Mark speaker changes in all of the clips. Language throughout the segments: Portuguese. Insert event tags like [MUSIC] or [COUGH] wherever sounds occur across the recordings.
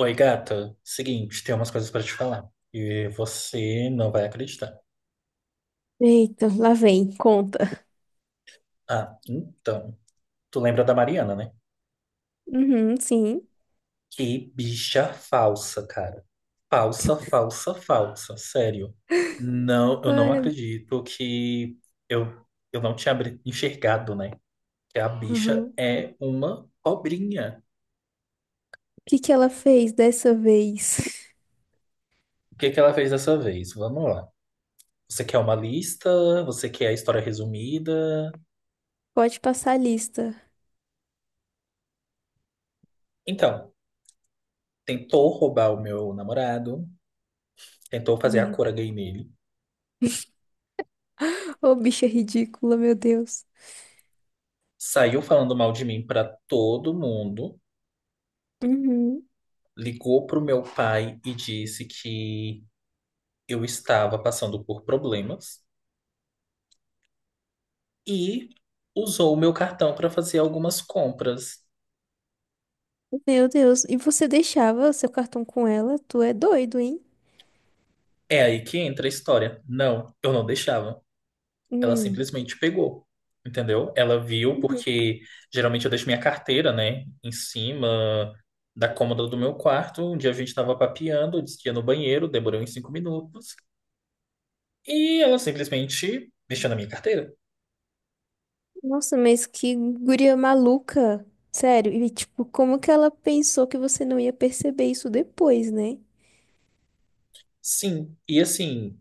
Speaker 1: Oi, gata. Seguinte, tem umas coisas pra te falar. E você não vai acreditar.
Speaker 2: Eita, lá vem, conta.
Speaker 1: Ah, então. Tu lembra da Mariana, né?
Speaker 2: Uhum, sim.
Speaker 1: Que bicha falsa, cara. Falsa, falsa, falsa. Sério. Não, eu não
Speaker 2: Ai,
Speaker 1: acredito que eu, eu não tinha enxergado, né? Que a
Speaker 2: uhum.
Speaker 1: bicha
Speaker 2: O
Speaker 1: é uma cobrinha.
Speaker 2: que que ela fez dessa vez? [LAUGHS]
Speaker 1: O que que ela fez dessa vez? Vamos lá. Você quer uma lista? Você quer a história resumida?
Speaker 2: Pode passar a lista.
Speaker 1: Então, tentou roubar o meu namorado. Tentou fazer a
Speaker 2: Meu.
Speaker 1: cura gay nele,
Speaker 2: Ô, bicha ridícula, meu Deus.
Speaker 1: saiu falando mal de mim pra todo mundo,
Speaker 2: Uhum.
Speaker 1: ligou pro meu pai e disse que eu estava passando por problemas e usou o meu cartão pra fazer algumas compras.
Speaker 2: Meu Deus. E você deixava seu cartão com ela? Tu é doido, hein?
Speaker 1: É aí que entra a história. Não, eu não deixava. Ela
Speaker 2: Hum.
Speaker 1: simplesmente pegou. Entendeu? Ela viu
Speaker 2: Uhum.
Speaker 1: porque geralmente eu deixo minha carteira, né, em cima da cômoda do meu quarto. Um dia a gente estava papeando, eu disse que ia no banheiro, demorei uns 5 minutos. E ela simplesmente mexeu na minha carteira.
Speaker 2: Nossa, mas que guria maluca. Sério. E, tipo, como que ela pensou que você não ia perceber isso depois, né?
Speaker 1: Sim. E assim,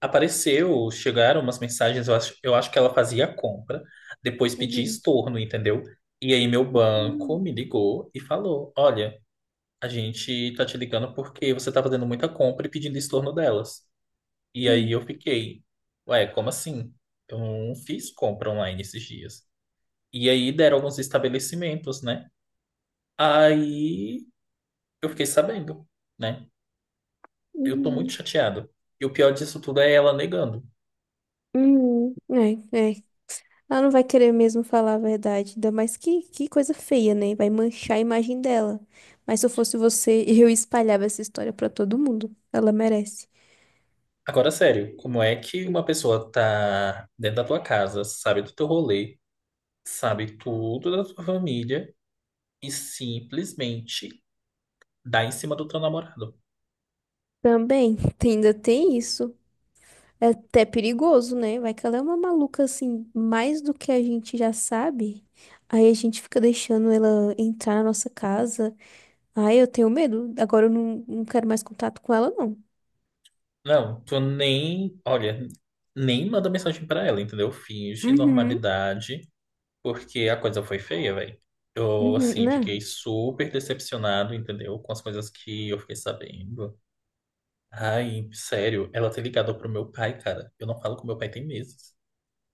Speaker 1: apareceu, chegaram umas mensagens, eu acho, que ela fazia a compra, depois pedi
Speaker 2: Uhum.
Speaker 1: estorno, entendeu? E aí meu banco
Speaker 2: Hum.
Speaker 1: me ligou e falou: Olha, a gente tá te ligando porque você tá fazendo muita compra e pedindo estorno delas. E aí
Speaker 2: Sim.
Speaker 1: eu fiquei, ué, como assim? Eu não fiz compra online esses dias. E aí deram alguns estabelecimentos, né? Aí eu fiquei sabendo, né? Eu tô muito
Speaker 2: Uhum.
Speaker 1: chateado. E o pior disso tudo é ela negando.
Speaker 2: Uhum. É, é. Ela não vai querer mesmo falar a verdade. Ainda mais que coisa feia, né? Vai manchar a imagem dela. Mas se eu fosse você, [LAUGHS] eu espalhava essa história pra todo mundo. Ela merece.
Speaker 1: Agora, sério, como é que uma pessoa tá dentro da tua casa, sabe do teu rolê, sabe tudo da tua família e simplesmente dá em cima do teu namorado?
Speaker 2: Também, [LAUGHS] ainda tem isso. É até perigoso, né? Vai que ela é uma maluca assim, mais do que a gente já sabe. Aí a gente fica deixando ela entrar na nossa casa. Ai, eu tenho medo. Agora eu não, não quero mais contato com ela, não.
Speaker 1: Não, tu nem, olha, nem manda mensagem pra ela, entendeu? Finge
Speaker 2: Uhum.
Speaker 1: normalidade, porque a coisa foi feia, velho. Eu,
Speaker 2: Uhum.
Speaker 1: assim,
Speaker 2: Né?
Speaker 1: fiquei super decepcionado, entendeu? Com as coisas que eu fiquei sabendo. Ai, sério, ela ter ligado pro meu pai, cara. Eu não falo com meu pai tem meses.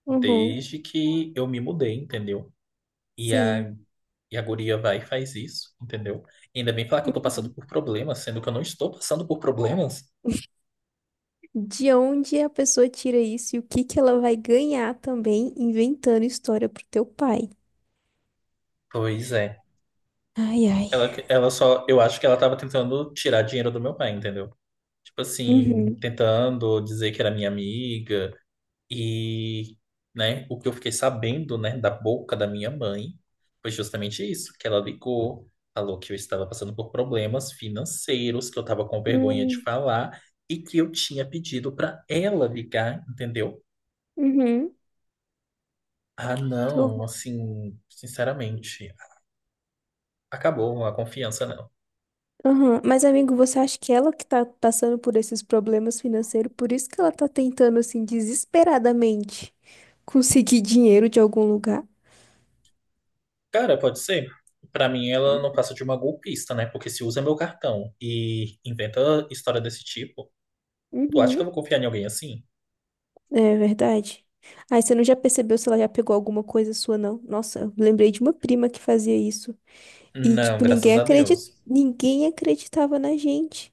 Speaker 2: Uhum.
Speaker 1: Desde que eu me mudei, entendeu? E a,
Speaker 2: Sim.
Speaker 1: e a guria vai e faz isso, entendeu? Ainda bem falar que eu tô passando
Speaker 2: Uhum.
Speaker 1: por problemas, sendo que eu não estou passando por problemas.
Speaker 2: De onde a pessoa tira isso e o que que ela vai ganhar também inventando história pro teu pai?
Speaker 1: Pois é.
Speaker 2: Ai, ai.
Speaker 1: Ela só, eu acho que ela tava tentando tirar dinheiro do meu pai, entendeu? Tipo assim,
Speaker 2: Uhum.
Speaker 1: tentando dizer que era minha amiga. E, né, o que eu fiquei sabendo, né, da boca da minha mãe foi justamente isso, que ela ligou, falou que eu estava passando por problemas financeiros, que eu estava com vergonha de
Speaker 2: Hum.
Speaker 1: falar e que eu tinha pedido para ela ligar, entendeu?
Speaker 2: Uhum.
Speaker 1: Ah,
Speaker 2: Que
Speaker 1: não,
Speaker 2: horror.
Speaker 1: assim, sinceramente, acabou a confiança, não.
Speaker 2: Aham. Mas, amigo, você acha que ela que tá passando por esses problemas financeiros, por isso que ela tá tentando, assim, desesperadamente conseguir dinheiro de algum lugar?
Speaker 1: Cara, pode ser. Pra mim, ela não passa de uma golpista, né? Porque se usa meu cartão e inventa história desse tipo, tu acha que eu
Speaker 2: Uhum.
Speaker 1: vou confiar em alguém assim?
Speaker 2: É verdade. Ai, você não já percebeu se ela já pegou alguma coisa sua, não? Nossa, eu lembrei de uma prima que fazia isso. E,
Speaker 1: Não,
Speaker 2: tipo,
Speaker 1: graças a Deus.
Speaker 2: ninguém acreditava na gente.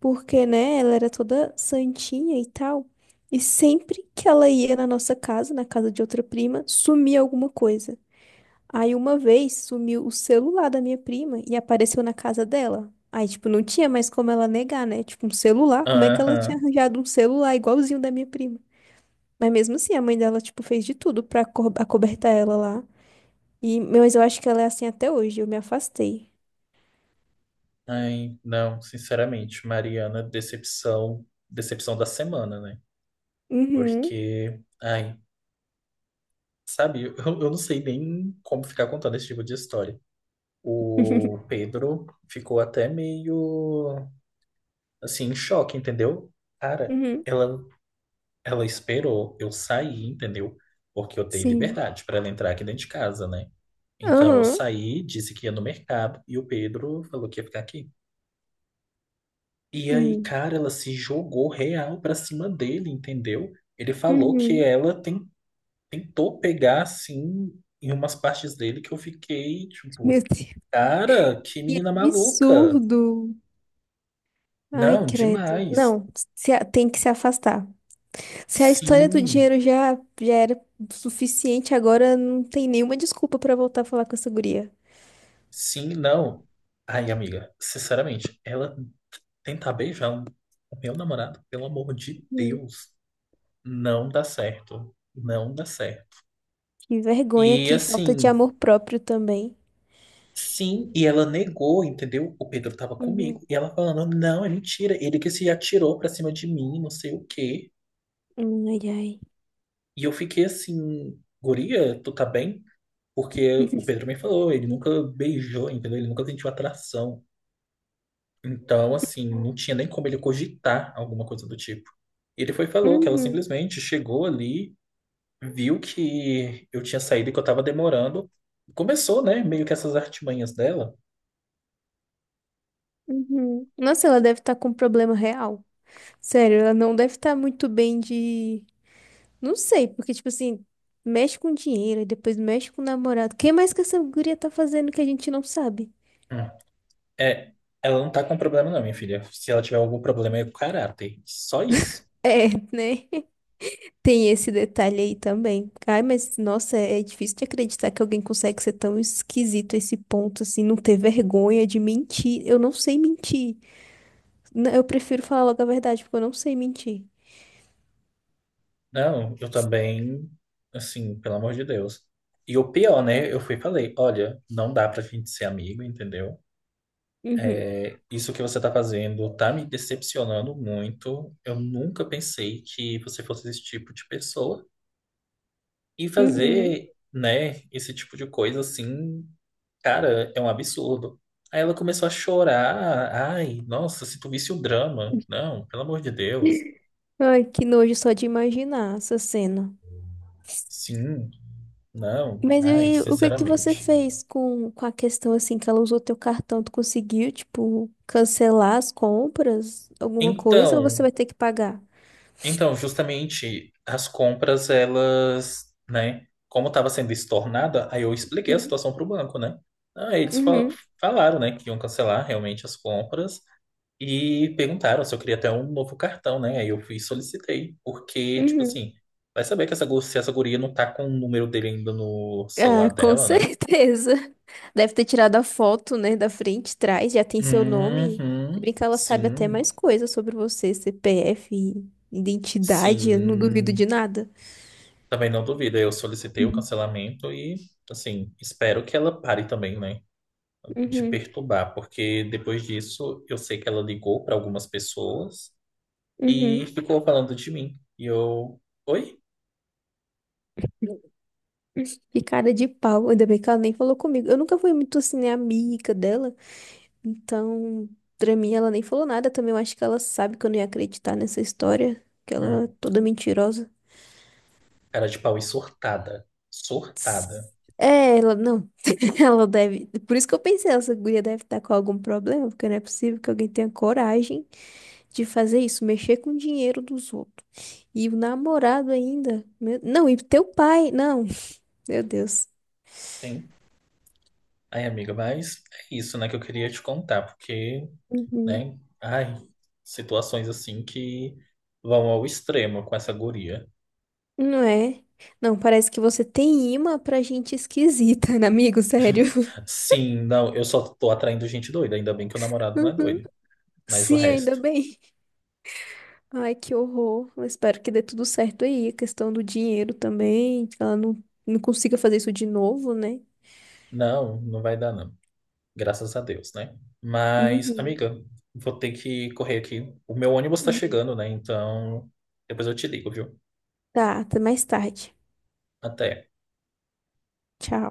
Speaker 2: Porque, né, ela era toda santinha e tal. E sempre que ela ia na nossa casa, na casa de outra prima, sumia alguma coisa. Aí uma vez sumiu o celular da minha prima e apareceu na casa dela. Aí, tipo, não tinha mais como ela negar, né? Tipo, um celular. Como é que ela tinha
Speaker 1: Aham.
Speaker 2: arranjado um celular igualzinho da minha prima? Mas mesmo assim, a mãe dela, tipo, fez de tudo pra acobertar ela lá. E, mas eu acho que ela é assim até hoje. Eu me afastei.
Speaker 1: Ai, não, sinceramente, Mariana, decepção, decepção da semana, né?
Speaker 2: Uhum.
Speaker 1: Porque, ai, sabe, eu não sei nem como ficar contando esse tipo de história. O
Speaker 2: [LAUGHS]
Speaker 1: Pedro ficou até meio, assim, em choque, entendeu? Cara,
Speaker 2: Uhum.
Speaker 1: ela, ela esperou eu sair, entendeu? Porque eu dei
Speaker 2: Sim.
Speaker 1: liberdade para ela entrar aqui dentro de casa, né? Então eu
Speaker 2: Aham.
Speaker 1: saí, disse que ia no mercado e o Pedro falou que ia ficar aqui. E aí,
Speaker 2: Hum.
Speaker 1: cara, ela se jogou real pra cima dele, entendeu? Ele falou que
Speaker 2: Uhum.
Speaker 1: tentou pegar, assim, em umas partes dele que eu fiquei,
Speaker 2: Meu
Speaker 1: tipo,
Speaker 2: Deus.
Speaker 1: cara, que
Speaker 2: Que
Speaker 1: menina maluca.
Speaker 2: absurdo. Ai,
Speaker 1: Não,
Speaker 2: credo.
Speaker 1: demais.
Speaker 2: Não, se a- tem que se afastar. Se a história do
Speaker 1: Sim,
Speaker 2: dinheiro já, já era suficiente, agora não tem nenhuma desculpa pra voltar a falar com essa guria.
Speaker 1: sim, não. Ai, amiga, sinceramente, ela tentar beijar o meu namorado, pelo amor de
Speaker 2: Hum.
Speaker 1: Deus, não dá certo. Não dá certo.
Speaker 2: Que vergonha,
Speaker 1: E
Speaker 2: que falta de
Speaker 1: assim.
Speaker 2: amor próprio também.
Speaker 1: Sim, e ela negou, entendeu? O Pedro tava comigo.
Speaker 2: Uhum.
Speaker 1: E ela falando, não, é mentira. Ele que se atirou pra cima de mim, não sei o quê.
Speaker 2: Hum. Ai, ai.
Speaker 1: E eu fiquei assim, guria, tu tá bem? Porque o
Speaker 2: [LAUGHS]
Speaker 1: Pedro me falou, ele nunca beijou, entendeu? Ele nunca sentiu atração. Então, assim, não tinha nem como ele cogitar alguma coisa do tipo. Ele foi e falou que ela
Speaker 2: Uhum,
Speaker 1: simplesmente chegou ali, viu que eu tinha saído e que eu tava demorando. Começou, né, meio que essas artimanhas dela.
Speaker 2: uhum. Nossa, ela deve estar com um problema real. Sério, ela não deve estar muito bem de. Não sei, porque, tipo assim, mexe com dinheiro e depois mexe com o namorado. Quem mais que essa guria tá fazendo que a gente não sabe?
Speaker 1: É, ela não tá com problema não, minha filha. Se ela tiver algum problema é com o caráter. Só isso.
Speaker 2: É, né? [LAUGHS] Tem esse detalhe aí também. Ai, mas nossa, é difícil de acreditar que alguém consegue ser tão esquisito a esse ponto, assim, não ter vergonha de mentir. Eu não sei mentir. Eu prefiro falar logo a verdade, porque eu não sei mentir.
Speaker 1: Não, eu também, assim, pelo amor de Deus. E o pior, né? Eu fui e falei, olha, não dá pra gente ser amigo, entendeu?
Speaker 2: Uhum.
Speaker 1: É, isso que você tá fazendo tá me decepcionando muito. Eu nunca pensei que você fosse esse tipo de pessoa. E
Speaker 2: Uhum.
Speaker 1: fazer, né, esse tipo de coisa assim. Cara, é um absurdo. Aí ela começou a chorar. Ai, nossa, se tu visse o drama. Não, pelo amor de Deus.
Speaker 2: Ai, que nojo só de imaginar essa cena.
Speaker 1: Sim, não.
Speaker 2: Mas
Speaker 1: Ai,
Speaker 2: e o que que você
Speaker 1: sinceramente.
Speaker 2: fez com a questão assim que ela usou teu cartão? Tu conseguiu, tipo, cancelar as compras, alguma coisa, ou você
Speaker 1: Então,
Speaker 2: vai ter que pagar?
Speaker 1: então, justamente as compras, elas, né? Como estava sendo estornada, aí eu expliquei a
Speaker 2: Uhum,
Speaker 1: situação para o banco, né? Aí eles fal-
Speaker 2: uhum.
Speaker 1: falaram, né, que iam cancelar realmente as compras. E perguntaram se eu queria até um novo cartão, né? Aí eu fui e solicitei,
Speaker 2: [LAUGHS]
Speaker 1: porque, tipo
Speaker 2: Uhum.
Speaker 1: assim, vai saber que essa, se essa guria não tá com o número dele ainda no celular
Speaker 2: Ah, com
Speaker 1: dela, né?
Speaker 2: certeza. Deve ter tirado a foto, né, da frente, trás, já tem seu nome. Se
Speaker 1: Uhum,
Speaker 2: brincar, ela sabe até
Speaker 1: sim,
Speaker 2: mais coisas sobre você, CPF, identidade, eu não duvido de
Speaker 1: sim.
Speaker 2: nada.
Speaker 1: Também não duvido. Eu solicitei o
Speaker 2: Uhum,
Speaker 1: cancelamento e, assim, espero que ela pare também, né? De
Speaker 2: uhum.
Speaker 1: perturbar, porque depois disso eu sei que ela ligou para algumas pessoas e
Speaker 2: Uhum.
Speaker 1: ficou falando de mim. E eu, oi?
Speaker 2: Que cara de pau. Ainda bem que ela nem falou comigo. Eu nunca fui muito assim, né, amiga dela. Então, pra mim, ela nem falou nada também. Eu acho que ela sabe que eu não ia acreditar nessa história. Que ela é
Speaker 1: Hum,
Speaker 2: toda mentirosa.
Speaker 1: cara de pau e surtada. Surtada.
Speaker 2: É, ela não. [LAUGHS] Ela deve. Por isso que eu pensei, essa guria deve estar com algum problema, porque não é possível que alguém tenha coragem de fazer isso, mexer com o dinheiro dos outros. E o namorado ainda. Meu... Não, e teu pai. Não. [LAUGHS] Meu Deus.
Speaker 1: Sim. Ai, amiga, mas é isso, né, que eu queria te contar, porque,
Speaker 2: Uhum.
Speaker 1: né, ai, situações assim que vão ao extremo com essa guria.
Speaker 2: Não é? Não, parece que você tem imã pra gente esquisita, né, amigo? Sério. [LAUGHS]
Speaker 1: Sim, não, eu só tô atraindo gente doida, ainda bem que o namorado não é
Speaker 2: Uhum.
Speaker 1: doido, mas o
Speaker 2: Sim, ainda
Speaker 1: resto,
Speaker 2: bem. Ai, que horror. Eu espero que dê tudo certo aí. A questão do dinheiro também, que ela não, não consiga fazer isso de novo, né?
Speaker 1: não, não vai dar, não. Graças a Deus, né? Mas,
Speaker 2: Uhum.
Speaker 1: amiga, vou ter que correr aqui. O meu ônibus tá
Speaker 2: Uhum.
Speaker 1: chegando, né? Então, depois eu te ligo, viu?
Speaker 2: Tá, até mais tarde.
Speaker 1: Até.
Speaker 2: Tchau.